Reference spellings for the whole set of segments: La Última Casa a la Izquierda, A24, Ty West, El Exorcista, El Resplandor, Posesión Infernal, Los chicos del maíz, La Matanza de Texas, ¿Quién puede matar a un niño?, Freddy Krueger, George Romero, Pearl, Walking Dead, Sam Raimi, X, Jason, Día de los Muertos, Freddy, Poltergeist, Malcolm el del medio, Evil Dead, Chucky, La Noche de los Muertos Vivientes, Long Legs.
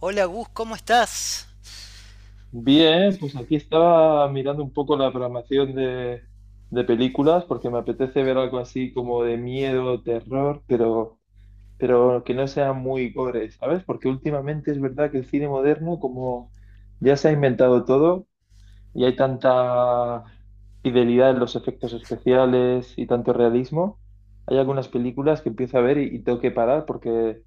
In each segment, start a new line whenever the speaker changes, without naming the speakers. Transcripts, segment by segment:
Hola Gus, ¿cómo estás?
Bien, pues aquí estaba mirando un poco la programación de películas porque me apetece ver algo así como de miedo, terror, pero que no sea muy gore, ¿sabes? Porque últimamente es verdad que el cine moderno, como ya se ha inventado todo y hay tanta fidelidad en los efectos especiales y tanto realismo, hay algunas películas que empiezo a ver y tengo que parar porque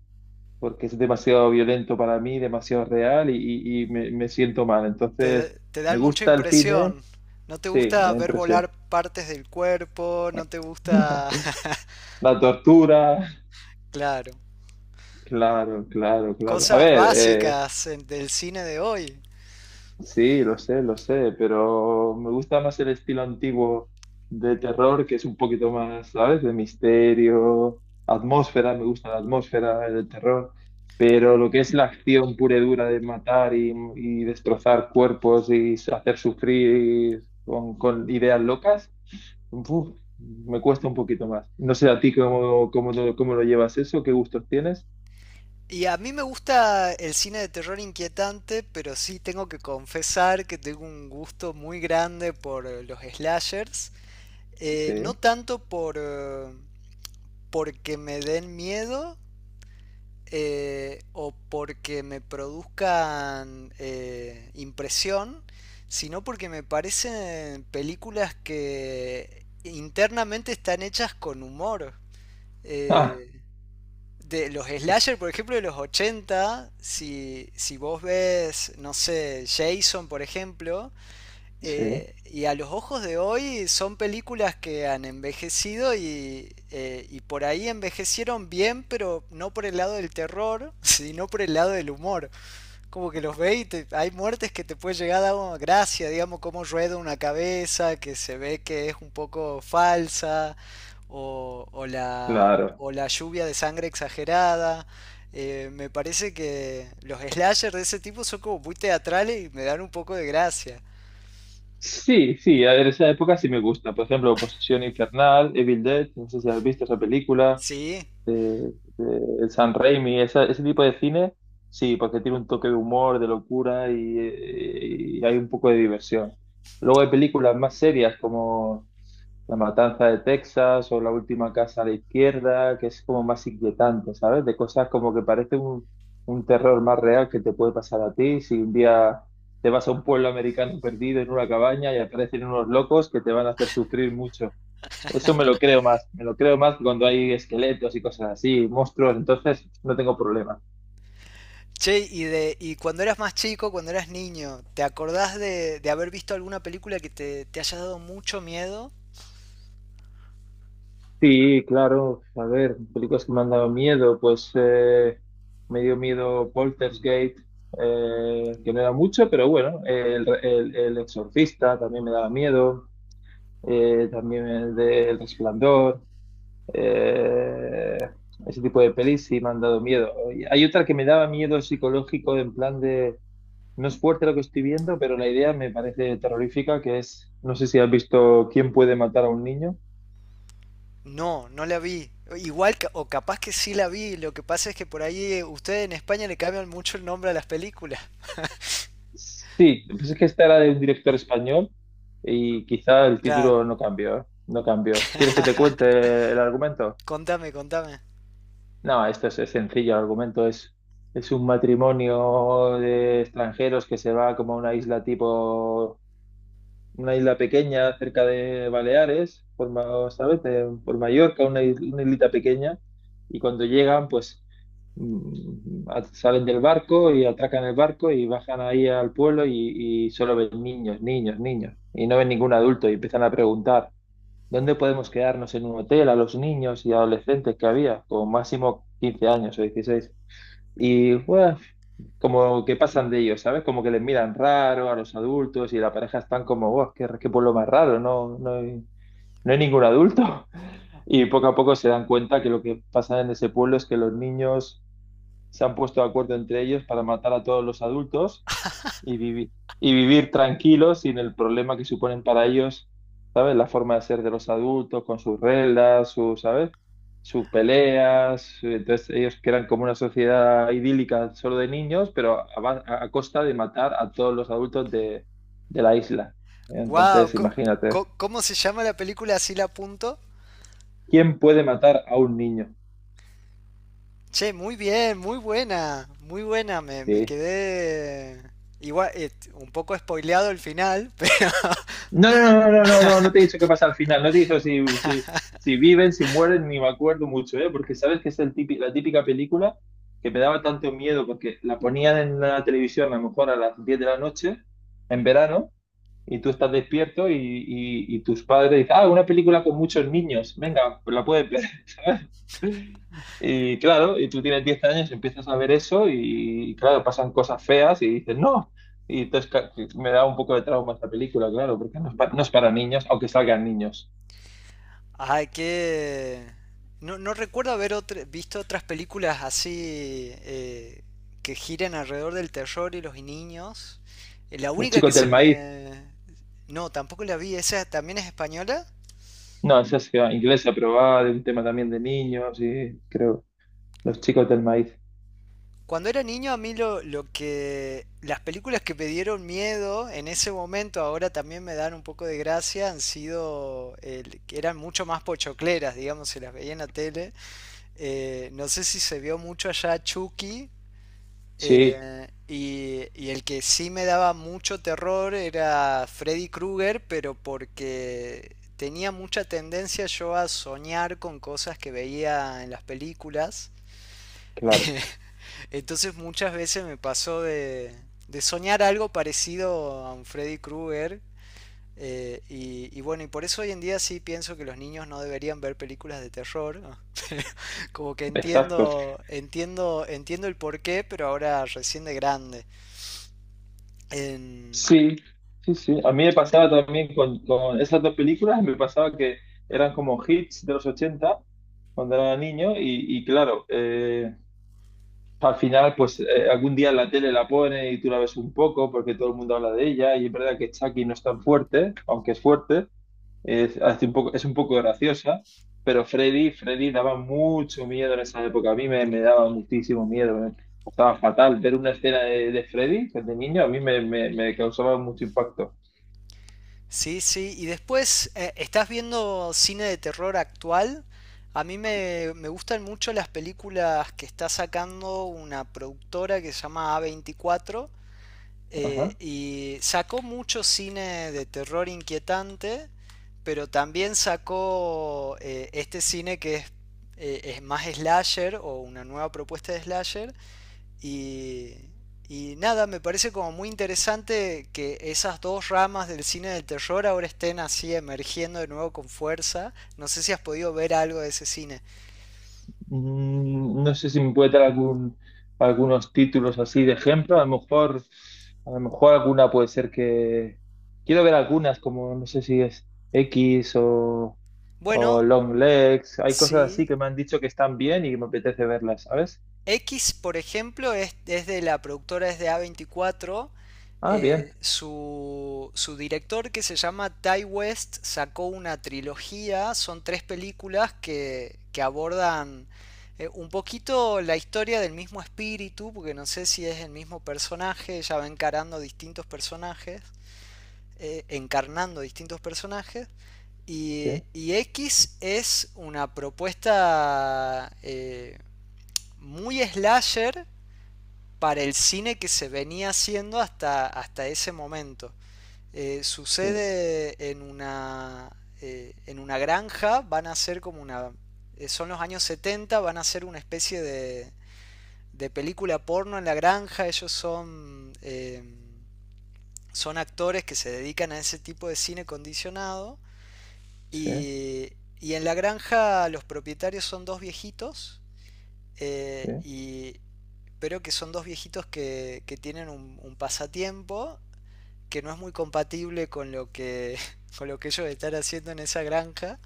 porque es demasiado violento para mí, demasiado real y me siento mal. Entonces,
Te
¿me
dan mucha
gusta el cine?
impresión. ¿No te
Sí, me
gusta
da
ver
impresión.
volar partes del cuerpo? ¿No te gusta?
La tortura,
Claro.
claro, claro, claro. A
Cosas
ver,
básicas del cine de hoy.
sí, lo sé, pero me gusta más el estilo antiguo de terror, que es un poquito más, ¿sabes? De misterio, atmósfera, me gusta la atmósfera del terror, pero lo que es la acción pura y dura de matar y destrozar cuerpos y hacer sufrir con ideas locas, uf, me cuesta un poquito más. No sé a ti cómo lo llevas eso, qué gustos tienes.
Y a mí me gusta el cine de terror inquietante, pero sí tengo que confesar que tengo un gusto muy grande por los slashers. No
Sí.
tanto porque me den miedo, o porque me produzcan impresión, sino porque me parecen películas que internamente están hechas con humor.
Ah,
Eh, de los slasher, por ejemplo, de los 80, si vos ves, no sé, Jason, por ejemplo,
sí,
y a los ojos de hoy son películas que han envejecido y por ahí envejecieron bien, pero no por el lado del terror, sino por el lado del humor. Como que los ve hay muertes que te puede llegar a dar gracia, digamos, como rueda una cabeza, que se ve que es un poco falsa, o, o la,
claro.
o la lluvia de sangre exagerada. Me parece que los slashers de ese tipo son como muy teatrales y me dan un poco de gracia.
Sí, sí, a ver, esa época sí me gusta. Por ejemplo, Posesión Infernal, Evil Dead, no sé si has visto esa película
Sí,
de el San Raimi, ese tipo de cine, sí, porque tiene un toque de humor, de locura y hay un poco de diversión. Luego hay películas más serias como La Matanza de Texas o La Última Casa a la Izquierda, que es como más inquietante, ¿sabes? De cosas como que parece un terror más real que te puede pasar a ti si un día te vas a un pueblo americano perdido en una cabaña y aparecen unos locos que te van a hacer sufrir mucho. Eso me lo creo más, me lo creo más cuando hay esqueletos y cosas así, monstruos, entonces no tengo problema.
che, y cuando eras más chico, cuando eras niño, ¿te acordás de haber visto alguna película que te haya dado mucho miedo?
Sí, claro, a ver, películas que me han dado miedo, pues me dio miedo Poltergeist, que no era mucho, pero bueno, el Exorcista también me daba miedo, también el de El Resplandor, eh, ese tipo de pelis sí me han dado miedo. Y hay otra que me daba miedo psicológico en plan de no es fuerte lo que estoy viendo, pero la idea me parece terrorífica, que es, no sé si has visto ¿Quién puede matar a un niño?
No, no la vi. Igual, o capaz que sí la vi. Lo que pasa es que por ahí ustedes en España le cambian mucho el nombre a las películas.
Sí, pues es que esta era de un director español y quizá el
Claro.
título no cambió, ¿eh? No cambió. ¿Quieres que te cuente el argumento?
Contame, contame.
No, esto es sencillo, el argumento es un matrimonio de extranjeros que se va como a una isla tipo una isla pequeña cerca de Baleares, ¿sabes? Por Mallorca, una islita pequeña, y cuando llegan, pues salen del barco y atracan el barco y bajan ahí al pueblo y solo ven niños, niños, niños, y no ven ningún adulto y empiezan a preguntar, ¿dónde podemos quedarnos en un hotel a los niños y adolescentes que había? Como máximo 15 años o 16. Y pues, como que pasan de ellos, ¿sabes? Como que les miran raro a los adultos y la pareja están como, wow, qué pueblo más raro, no hay ningún adulto. Y poco a poco se dan cuenta que lo que pasa en ese pueblo es que los niños se han puesto de acuerdo entre ellos para matar a todos los adultos y vivir, y vivir, tranquilos sin el problema que suponen para ellos, ¿sabes? La forma de ser de los adultos, con sus reglas, ¿sabes? Sus peleas. Entonces ellos crean como una sociedad idílica solo de niños, pero a costa de matar a todos los adultos de la isla.
Wow,
Entonces, imagínate,
¿cómo se llama la película? Así la apunto.
¿quién puede matar a un niño?
Che, muy bien, muy buena, muy buena. Me
Sí.
quedé igual, un poco spoileado el final.
No, no, no, no, no, no, no te he dicho qué pasa al final, no te he dicho si, si viven, si mueren, ni me acuerdo mucho, ¿eh? Porque sabes que es el la típica película que me daba tanto miedo porque la ponían en la televisión a lo mejor a las 10 de la noche, en verano, y tú estás despierto y tus padres dicen, ah, una película con muchos niños, venga, pues la puedes ver, ¿sabes? Y claro, y tú tienes 10 años, empiezas a ver eso y claro, pasan cosas feas y dices, no. Y entonces me da un poco de trauma esta película, claro, porque no es, no es para niños, aunque salgan niños.
Ay, que. No, no recuerdo haber visto otras películas así, que giren alrededor del terror y los niños. La
Los
única que
chicos
se
del maíz,
me. No, tampoco la vi. ¿Esa también es española?
no, esa es inglesa, pero va de un tema también de niños y creo, los chicos del maíz.
Cuando era niño a mí las películas que me dieron miedo en ese momento, ahora también me dan un poco de gracia, han sido que eran mucho más pochocleras, digamos, se las veía en la tele. No sé si se vio mucho allá Chucky.
Sí,
Y el que sí me daba mucho terror era Freddy Krueger, pero porque tenía mucha tendencia yo a soñar con cosas que veía en las películas.
claro,
Entonces muchas veces me pasó de soñar algo parecido a un Freddy Krueger, bueno, y por eso hoy en día sí pienso que los niños no deberían ver películas de terror. Como que
exacto.
entiendo, entiendo, entiendo el porqué, pero ahora recién de grande. En-
Sí, sí, sí. A mí me pasaba también con esas dos películas, me pasaba que eran como hits de los 80 cuando era niño y claro, al final, pues algún día en la tele la pone y tú la ves un poco porque todo el mundo habla de ella y es verdad que Chucky no es tan fuerte, aunque es fuerte, es, hace un poco, es un poco graciosa, pero Freddy, Freddy daba mucho miedo en esa época, a mí me daba muchísimo miedo, eh. Estaba fatal ver una escena de, Freddy de niño, a mí me causaba mucho impacto.
Sí, sí. Y después, ¿estás viendo cine de terror actual? A mí me gustan mucho las películas que está sacando una productora que se llama A24.
Ajá.
Y sacó mucho cine de terror inquietante, pero también sacó este cine que es más slasher o una nueva propuesta de slasher. Y, y nada, me parece como muy interesante que esas dos ramas del cine del terror ahora estén así emergiendo de nuevo con fuerza. No sé si has podido ver algo de ese cine.
Mm, no sé si me puede dar algunos títulos así de ejemplo. A lo mejor alguna puede ser que. Quiero ver algunas, como no sé si es X o
Bueno,
Long Legs. Hay cosas así que
sí.
me han dicho que están bien y me apetece verlas, ¿sabes?
X, por ejemplo, es de la productora, es de A24.
Ah,
eh,
bien.
su, su director, que se llama Ty West, sacó una trilogía. Son tres películas que abordan un poquito la historia del mismo espíritu, porque no sé si es el mismo personaje. Ella va encarando distintos personajes, encarnando distintos personajes.
Sí,
Y X es una propuesta muy slasher para el cine que se venía haciendo hasta ese momento.
sí,
Sucede en una granja, van a ser como una. Son los años 70, van a ser una especie de película porno en la granja, ellos son actores que se dedican a ese tipo de cine condicionado,
sí,
y, y en la granja los propietarios son dos viejitos, eh,
sí.
y, pero que son dos viejitos que tienen un pasatiempo que no es muy compatible con lo que, con lo que ellos están haciendo en esa granja.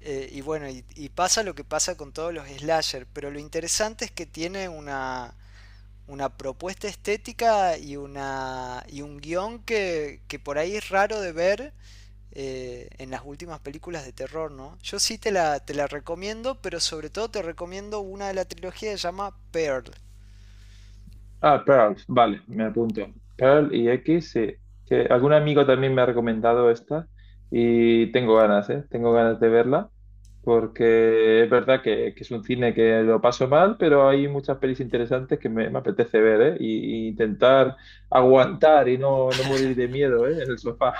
Y bueno, y pasa lo que pasa con todos los slasher, pero lo interesante es que tiene una propuesta estética y un guión que por ahí es raro de ver en las últimas películas de terror, ¿no? Yo sí te la recomiendo, pero sobre todo te recomiendo una de la trilogía que se llama Pearl.
Ah, Pearl, vale, me apunto. Pearl y X, sí. Que algún amigo también me ha recomendado esta y tengo ganas, ¿eh? Tengo ganas de verla porque es verdad que, es un cine que lo paso mal, pero hay muchas pelis interesantes que me apetece ver, ¿eh? Y intentar aguantar y no morir de miedo, ¿eh? En el sofá.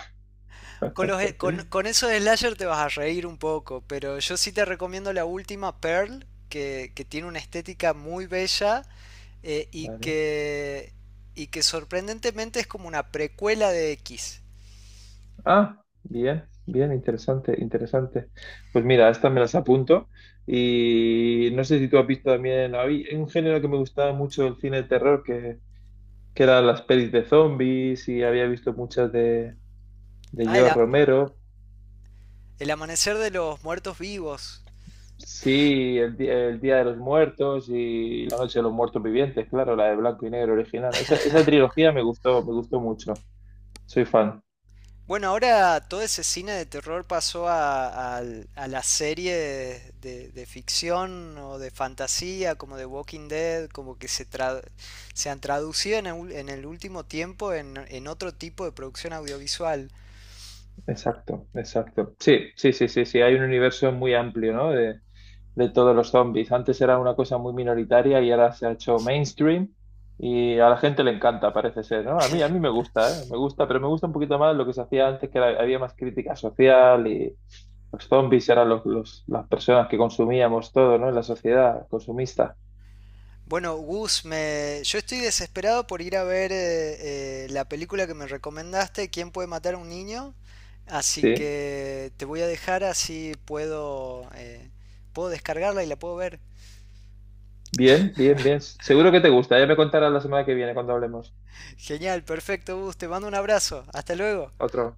Con eso de slasher te vas a reír un poco, pero yo sí te recomiendo la última, Pearl, que tiene una estética muy bella, eh, y,
Vale.
que, y que sorprendentemente es como una precuela de X.
Ah, bien, bien, interesante, interesante. Pues mira, estas me las apunto. Y no sé si tú has visto también, hay un género que me gustaba mucho del cine de terror, que eran las pelis de zombies, y había visto muchas de
Ah, el,
George
a-
Romero.
el amanecer de los muertos vivos.
Sí, el Día de los Muertos y La Noche de los Muertos Vivientes, claro, la de blanco y negro original. Esa trilogía me gustó mucho. Soy fan.
Bueno, ahora todo ese cine de terror pasó a las series de ficción o de fantasía, como de Walking Dead, como que se han traducido en el último tiempo en otro tipo de producción audiovisual.
Exacto, exacto. Sí, sí, sí, sí, sí. Hay un universo muy amplio, ¿no? De todos los zombies. Antes era una cosa muy minoritaria y ahora se ha hecho mainstream y a la gente le encanta, parece ser, ¿no? A mí me gusta, ¿eh? Me gusta, pero me gusta un poquito más lo que se hacía antes, que había más crítica social y los zombies eran los, las personas que consumíamos todo, ¿no? En la sociedad consumista.
Bueno, Gus, yo estoy desesperado por ir a ver la película que me recomendaste, ¿Quién puede matar a un niño? Así
Sí.
que te voy a dejar así puedo descargarla y la puedo ver.
Bien, bien, bien. Seguro que te gusta. Ya me contarás la semana que viene cuando hablemos.
Genial, perfecto, Gus. Te mando un abrazo. Hasta luego.
Otro.